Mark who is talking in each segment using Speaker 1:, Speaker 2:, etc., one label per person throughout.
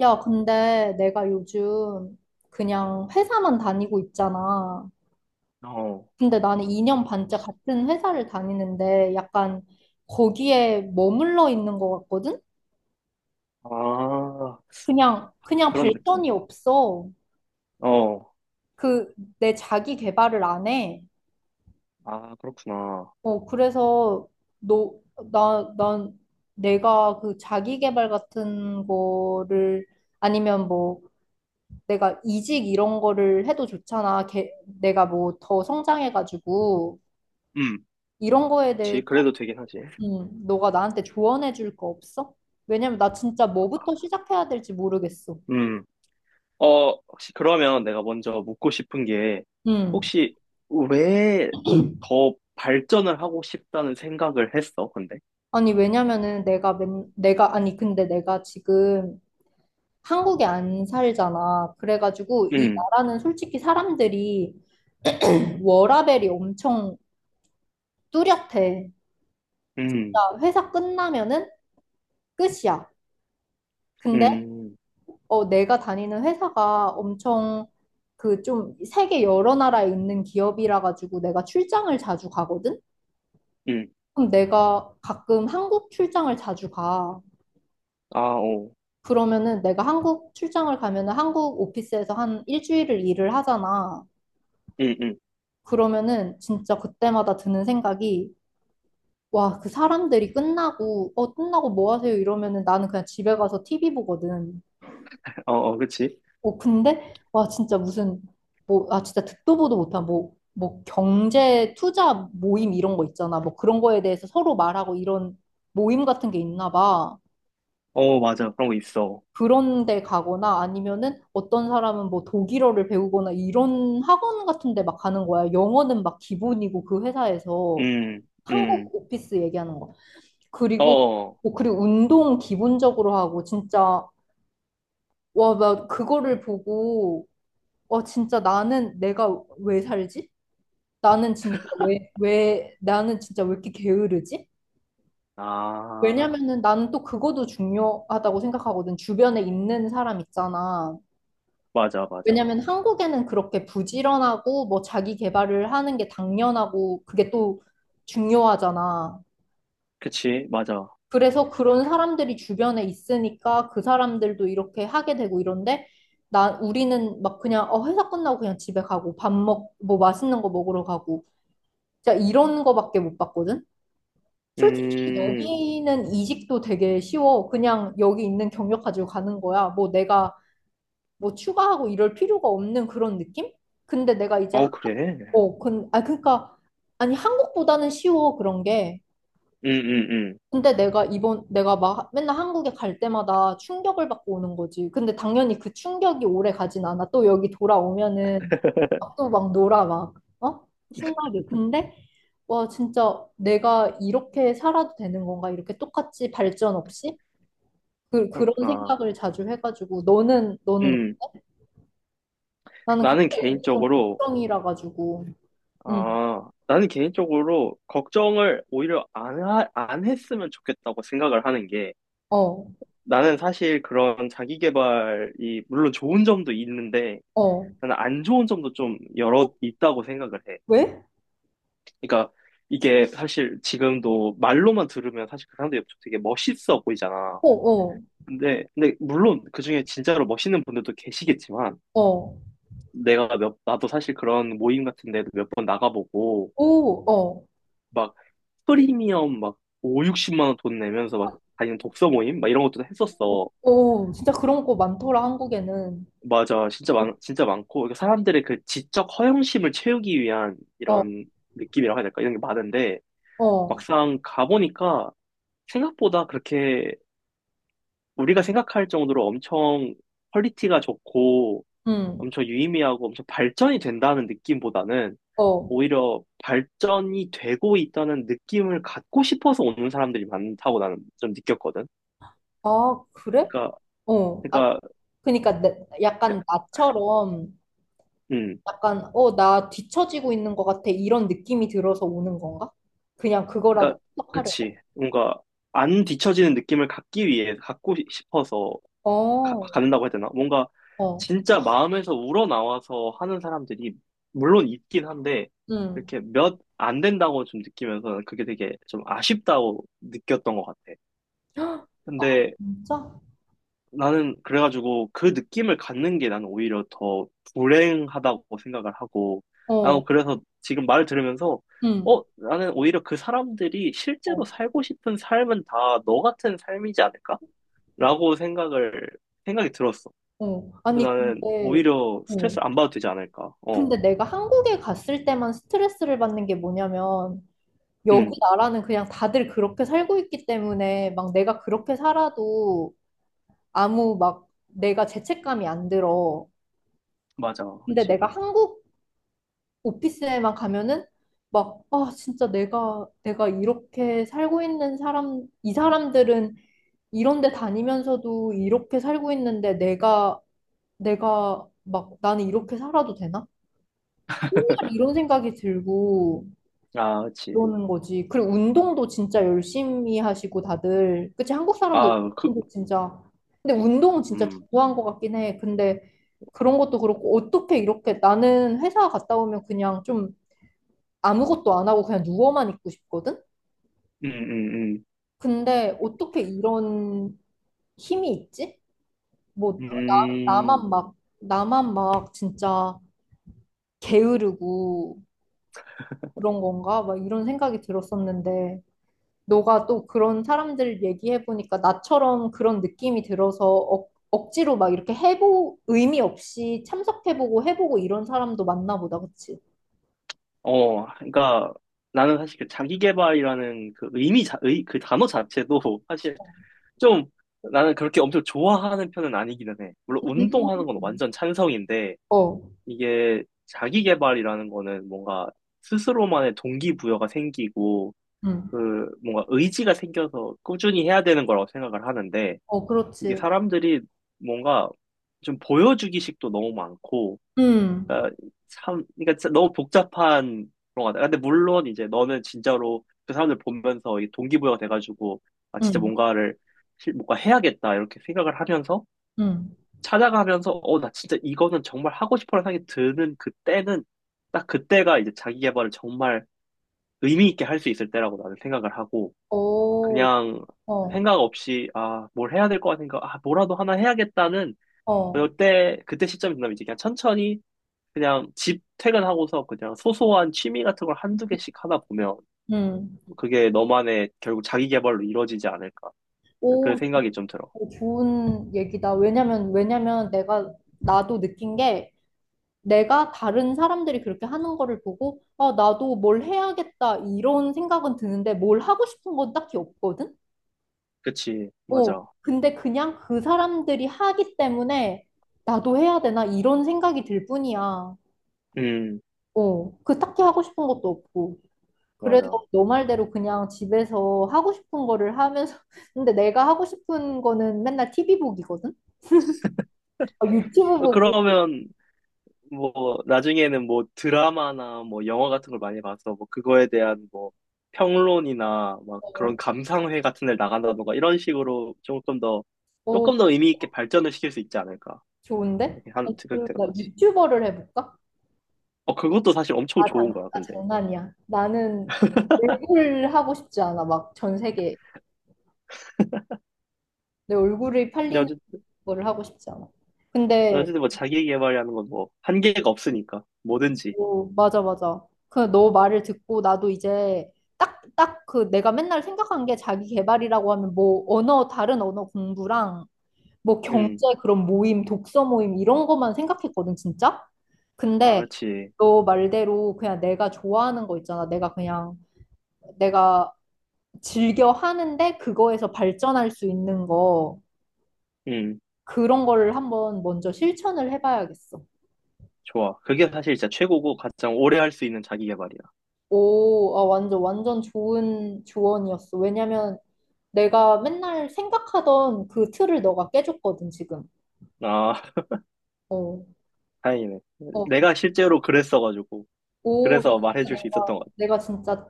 Speaker 1: 야, 근데 내가 요즘 그냥 회사만 다니고 있잖아.
Speaker 2: 어,
Speaker 1: 근데 나는 2년 반째 같은 회사를 다니는데 약간 거기에 머물러 있는 것 같거든?
Speaker 2: 아,
Speaker 1: 그냥
Speaker 2: 그런
Speaker 1: 발전이
Speaker 2: 느낌.
Speaker 1: 없어.
Speaker 2: 어,
Speaker 1: 그, 내 자기 개발을 안 해.
Speaker 2: 아, 그렇구나.
Speaker 1: 어, 그래서 너, 나, 난 내가 그 자기 개발 같은 거를 아니면 뭐 내가 이직 이런 거를 해도 좋잖아. 개, 내가 뭐 더 성장해가지고.
Speaker 2: 음,
Speaker 1: 이런 거에 대해서
Speaker 2: 그래도 되긴 하지.
Speaker 1: 너가 나한테 조언해 줄 거 없어? 왜냐면 나 진짜 뭐부터 시작해야 될지 모르겠어.
Speaker 2: 음, 혹시 그러면 내가 먼저 묻고 싶은 게,
Speaker 1: 음.
Speaker 2: 혹시 왜 더 발전을 하고 싶다는 생각을 했어, 근데?
Speaker 1: 아니, 왜냐면은 내가 맨, 내가, 아니, 근데 내가 지금 한국에 안 살잖아. 그래가지고 이
Speaker 2: 음,
Speaker 1: 나라는 솔직히 사람들이 워라밸이 엄청 뚜렷해.
Speaker 2: 음,
Speaker 1: 진짜 회사 끝나면은 끝이야. 근데
Speaker 2: 음,
Speaker 1: 어, 내가 다니는 회사가 엄청 그 좀 세계 여러 나라에 있는 기업이라 가지고 내가 출장을 자주 가거든?
Speaker 2: 음,
Speaker 1: 그럼 내가 가끔 한국 출장을 자주 가.
Speaker 2: 아, 어,
Speaker 1: 그러면은 내가 한국 출장을 가면은 한국 오피스에서 한 일주일을 일을 하잖아.
Speaker 2: 음, 음,
Speaker 1: 그러면은 진짜 그때마다 드는 생각이 와, 그 사람들이 끝나고 어 끝나고 뭐 하세요? 이러면은 나는 그냥 집에 가서 TV 보거든.
Speaker 2: 어, 어, 그치?
Speaker 1: 어 근데 와 진짜 무슨 뭐 진짜 듣도 보도 못한 뭐 경제 투자 모임 이런 거 있잖아. 뭐 그런 거에 대해서 서로 말하고 이런 모임 같은 게 있나 봐.
Speaker 2: 어, 맞아. 그런 거 있어.
Speaker 1: 그런 데 가거나 아니면은 어떤 사람은 뭐 독일어를 배우거나 이런 학원 같은 데 막 가는 거야. 영어는 막 기본이고 그 회사에서
Speaker 2: 음, 음,
Speaker 1: 한국 오피스 얘기하는 거.
Speaker 2: 어,
Speaker 1: 그리고
Speaker 2: 어.
Speaker 1: 뭐 그리고 운동 기본적으로 하고 진짜 와, 나 그거를 보고 와 진짜 나는 내가 왜 살지? 나는 진짜 왜 나는 진짜 왜 이렇게 게으르지?
Speaker 2: 아,
Speaker 1: 왜냐면은 나는 또 그것도 중요하다고 생각하거든. 주변에 있는 사람 있잖아.
Speaker 2: 맞아, 맞아.
Speaker 1: 왜냐면 한국에는 그렇게 부지런하고 뭐 자기 개발을 하는 게 당연하고 그게 또 중요하잖아.
Speaker 2: 그치, 맞아.
Speaker 1: 그래서 그런 사람들이 주변에 있으니까 그 사람들도 이렇게 하게 되고 이런데 나 우리는 막 그냥 어 회사 끝나고 그냥 집에 가고 밥 먹 뭐 맛있는 거 먹으러 가고 진짜 이런 거밖에 못 봤거든. 솔직히
Speaker 2: 음,
Speaker 1: 여기는 이직도 되게 쉬워. 그냥 여기 있는 경력 가지고 가는 거야. 뭐 내가 뭐 추가하고 이럴 필요가 없는 그런 느낌? 근데 내가 이제
Speaker 2: 어, 그래.
Speaker 1: 어, 근, 아, 그니까, 아니, 한국보다는 쉬워, 그런 게.
Speaker 2: 응, 응, 응.
Speaker 1: 근데 내가 이번, 내가 막 맨날 한국에 갈 때마다 충격을 받고 오는 거지. 근데 당연히 그 충격이 오래 가진 않아. 또 여기 돌아오면은 또 막 놀아, 막, 어? 신나게. 근데, 와, 진짜 내가 이렇게 살아도 되는 건가? 이렇게 똑같이 발전 없이? 그, 그런
Speaker 2: 그렇구나.
Speaker 1: 생각을 자주 해가지고, 너는,
Speaker 2: 음,
Speaker 1: 나는 그때
Speaker 2: 나는
Speaker 1: 좀
Speaker 2: 개인적으로,
Speaker 1: 걱정이라 가지고, 응,
Speaker 2: 아, 나는 개인적으로 걱정을 오히려 안 했으면 좋겠다고 생각을 하는 게,
Speaker 1: 어,
Speaker 2: 나는 사실 그런 자기 개발이, 물론 좋은 점도 있는데,
Speaker 1: 어. 어?
Speaker 2: 나는 안 좋은 점도 좀 여러 있다고 생각을 해.
Speaker 1: 왜?
Speaker 2: 그러니까 이게 사실 지금도 말로만 들으면 사실 그 사람들이 되게 멋있어 보이잖아.
Speaker 1: 어, 어.
Speaker 2: 근데 물론 그중에 진짜로 멋있는 분들도 계시겠지만,
Speaker 1: 어,
Speaker 2: 나도 사실 그런 모임 같은 데도 몇 번 나가보고,
Speaker 1: 오, 어,
Speaker 2: 막, 프리미엄 막, 5, 60만 원 돈 내면서 막, 다니는 독서 모임? 막 이런 것도 했었어.
Speaker 1: 오, 진짜 그런 거 많더라, 한국에는.
Speaker 2: 맞아. 진짜 많고, 그러니까 사람들의 그 지적 허영심을 채우기 위한
Speaker 1: 어,
Speaker 2: 이런 느낌이라고 해야 될까? 이런 게 많은데,
Speaker 1: 어,
Speaker 2: 막상 가보니까 생각보다 그렇게 우리가 생각할 정도로 엄청 퀄리티가 좋고,
Speaker 1: 음,
Speaker 2: 엄청 유의미하고 엄청 발전이 된다는 느낌보다는
Speaker 1: 어.
Speaker 2: 오히려 발전이 되고 있다는 느낌을 갖고 싶어서 오는 사람들이 많다고 나는 좀 느꼈거든.
Speaker 1: 아, 그래?
Speaker 2: 그러니까,
Speaker 1: 어. 아,
Speaker 2: 그러니까,
Speaker 1: 그러니까 내- 약간
Speaker 2: 그러니까,
Speaker 1: 나처럼
Speaker 2: 음,
Speaker 1: 약간 어, 나 뒤처지고 있는 것 같아. 이런 느낌이 들어서 오는 건가? 그냥
Speaker 2: 그러니까,
Speaker 1: 그거라도 해석하려고.
Speaker 2: 그치. 뭔가 안 뒤처지는 느낌을 갖기 위해 갖고 싶어서
Speaker 1: 어,
Speaker 2: 갖는다고 해야 되나? 뭔가
Speaker 1: 어,
Speaker 2: 진짜 마음에서 우러나와서 하는 사람들이 물론 있긴 한데
Speaker 1: 음.
Speaker 2: 이렇게 몇 안 된다고 좀 느끼면서 그게 되게 좀 아쉽다고 느꼈던 것 같아.
Speaker 1: 헉, 아,
Speaker 2: 근데
Speaker 1: 진짜?
Speaker 2: 나는 그래가지고 그 느낌을 갖는 게 나는 오히려 더 불행하다고 생각을 하고, 아,
Speaker 1: 어,
Speaker 2: 그래서 지금 말을 들으면서,
Speaker 1: 음,
Speaker 2: 어, 나는 오히려 그 사람들이 실제로
Speaker 1: 어,
Speaker 2: 살고 싶은 삶은 다 너 같은 삶이지 않을까? 라고 생각을, 생각이 들었어.
Speaker 1: 어.
Speaker 2: 그래서
Speaker 1: 아니,
Speaker 2: 나는
Speaker 1: 근데,
Speaker 2: 오히려
Speaker 1: 어,
Speaker 2: 스트레스를 안 받아도 되지 않을까. 어,
Speaker 1: 근데 내가 한국에 갔을 때만 스트레스를 받는 게 뭐냐면 여기
Speaker 2: 음,
Speaker 1: 나라는 그냥 다들 그렇게 살고 있기 때문에 막 내가 그렇게 살아도 아무 막 내가 죄책감이 안 들어.
Speaker 2: 맞아.
Speaker 1: 근데
Speaker 2: 그치.
Speaker 1: 내가 한국 오피스에만 가면은 막 아 진짜 내가 이렇게 살고 있는 사람 이 사람들은 이런 데 다니면서도 이렇게 살고 있는데 내가 내가 막 나는 이렇게 살아도 되나? 이런 생각이 들고
Speaker 2: 아, 그치.
Speaker 1: 그러는 거지. 그리고 운동도 진짜 열심히 하시고 다들. 그치? 한국 사람들
Speaker 2: 아, 그,
Speaker 1: 운동도 진짜. 근데 운동은 진짜
Speaker 2: 음,
Speaker 1: 좋아한 것 같긴 해. 근데 그런 것도 그렇고 어떻게 이렇게 나는 회사 갔다 오면 그냥 좀 아무것도 안 하고 그냥 누워만 있고 싶거든?
Speaker 2: 음, 음,
Speaker 1: 근데 어떻게 이런 힘이 있지? 뭐 나, 나만
Speaker 2: 음.
Speaker 1: 막 나만 막 진짜 게으르고 그런 건가? 막 이런 생각이 들었었는데 너가 또 그런 사람들 얘기해보니까 나처럼 그런 느낌이 들어서 억, 억지로 막 이렇게 해보, 의미 없이 참석해보고 해보고 이런 사람도 맞나 보다, 그치?
Speaker 2: 어, 그러니까 나는 사실 그 자기계발이라는 그 의미 그 단어 자체도 사실 좀 나는 그렇게 엄청 좋아하는 편은 아니기는 해. 물론 운동하는 건
Speaker 1: 음.
Speaker 2: 완전 찬성인데
Speaker 1: 어,
Speaker 2: 이게 자기계발이라는 거는 뭔가 스스로만의 동기부여가 생기고
Speaker 1: 음,
Speaker 2: 그 뭔가 의지가 생겨서 꾸준히 해야 되는 거라고 생각을 하는데
Speaker 1: 어,
Speaker 2: 이게
Speaker 1: 그렇지.
Speaker 2: 사람들이 뭔가 좀 보여주기식도 너무 많고
Speaker 1: 음,
Speaker 2: 그러니까 참, 그러니까 너무 복잡한 그런 것 같아. 근데 물론 이제 너는 진짜로 그 사람들 보면서 이 동기부여가 돼가지고, 아, 진짜
Speaker 1: 음,
Speaker 2: 뭔가를, 뭔가 해야겠다, 이렇게 생각을 하면서,
Speaker 1: 음.
Speaker 2: 찾아가면서, 어, 나 진짜 이거는 정말 하고 싶어라는 생각이 드는 그때는, 딱 그때가 이제 자기 개발을 정말 의미 있게 할 수 있을 때라고 나는 생각을 하고,
Speaker 1: 오,
Speaker 2: 그냥
Speaker 1: 어,
Speaker 2: 생각 없이, 아, 뭘 해야 될 것 같은가, 아, 뭐라도 하나 해야겠다는,
Speaker 1: 어,
Speaker 2: 그때 시점이 지나면 이제 그냥 천천히 그냥 집 퇴근하고서 그냥 소소한 취미 같은 걸 한두 개씩 하다 보면
Speaker 1: 음.
Speaker 2: 그게 너만의 결국 자기 개발로 이루어지지 않을까. 그
Speaker 1: 오,
Speaker 2: 생각이 좀 들어.
Speaker 1: 오, 좋은 얘기다. 왜냐면 내가, 나도 느낀 게, 내가 다른 사람들이 그렇게 하는 거를 보고, 아, 나도 뭘 해야겠다, 이런 생각은 드는데, 뭘 하고 싶은 건 딱히 없거든?
Speaker 2: 그치,
Speaker 1: 어,
Speaker 2: 맞아.
Speaker 1: 근데 그냥 그 사람들이 하기 때문에, 나도 해야 되나, 이런 생각이 들 뿐이야.
Speaker 2: 음,
Speaker 1: 어, 그 딱히 하고 싶은 것도 없고. 그래서
Speaker 2: 맞아.
Speaker 1: 너 말대로 그냥 집에서 하고 싶은 거를 하면서, 근데 내가 하고 싶은 거는 맨날 TV 보기거든? 아, 유튜브
Speaker 2: 어,
Speaker 1: 보고,
Speaker 2: 그러면 뭐 나중에는 뭐 드라마나 뭐 영화 같은 걸 많이 봐서 뭐 그거에 대한 뭐 평론이나 막 그런
Speaker 1: 어,
Speaker 2: 감상회 같은 데 나간다던가 이런 식으로 조금 더 조금
Speaker 1: 어,
Speaker 2: 더 의미 있게 발전을 시킬 수 있지 않을까.
Speaker 1: 좋은데?
Speaker 2: 이렇게 한
Speaker 1: 아, 그럼
Speaker 2: 생각되는
Speaker 1: 나
Speaker 2: 거지.
Speaker 1: 유튜버를 해볼까?
Speaker 2: 어, 그것도 사실 엄청
Speaker 1: 아,
Speaker 2: 좋은
Speaker 1: 장,
Speaker 2: 거야,
Speaker 1: 아,
Speaker 2: 근데.
Speaker 1: 장난이야. 나는 얼굴 하고 싶지 않아. 막 전 세계 내 얼굴이 팔리는
Speaker 2: 근데
Speaker 1: 거를 하고 싶지 않아. 근데
Speaker 2: 어쨌든 뭐 자기 개발이라는 건 뭐 한계가 없으니까 뭐든지.
Speaker 1: 오, 맞아 맞아. 그 너 말을 듣고 나도 이제 딱 딱 그 내가 맨날 생각한 게 자기 개발이라고 하면 뭐 언어 다른 언어 공부랑 뭐 경제
Speaker 2: 음,
Speaker 1: 그런 모임, 독서 모임 이런 것만 생각했거든, 진짜.
Speaker 2: 아,
Speaker 1: 근데
Speaker 2: 그렇지.
Speaker 1: 너 말대로 그냥 내가 좋아하는 거 있잖아. 내가 그냥 내가 즐겨 하는데 그거에서 발전할 수 있는 거
Speaker 2: 음,
Speaker 1: 그런 거를 한번 먼저 실천을 해봐야겠어.
Speaker 2: 좋아. 그게 사실 진짜 최고고 가장 오래 할 수 있는 자기 개발이야.
Speaker 1: 오, 아, 완전 완전 좋은 조언이었어. 왜냐면 내가 맨날 생각하던 그 틀을 너가 깨줬거든 지금.
Speaker 2: 아,
Speaker 1: 어,
Speaker 2: 다행이네.
Speaker 1: 어,
Speaker 2: 내가 실제로 그랬어가지고
Speaker 1: 오,
Speaker 2: 그래서
Speaker 1: 진짜
Speaker 2: 말해줄 수 있었던
Speaker 1: 내가
Speaker 2: 것 같아.
Speaker 1: 내가 진짜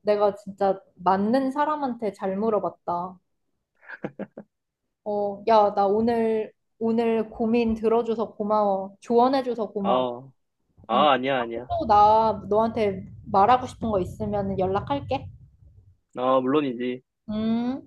Speaker 1: 내가 진짜 맞는 사람한테 잘 물어봤다. 어, 야, 나 오늘 고민 들어줘서 고마워. 조언해줘서 고마워.
Speaker 2: 아,
Speaker 1: 음.
Speaker 2: 아 아니야 아니야.
Speaker 1: 또 나 너한테 말하고 싶은 거 있으면 연락할게.
Speaker 2: 아 물론이지.
Speaker 1: 음.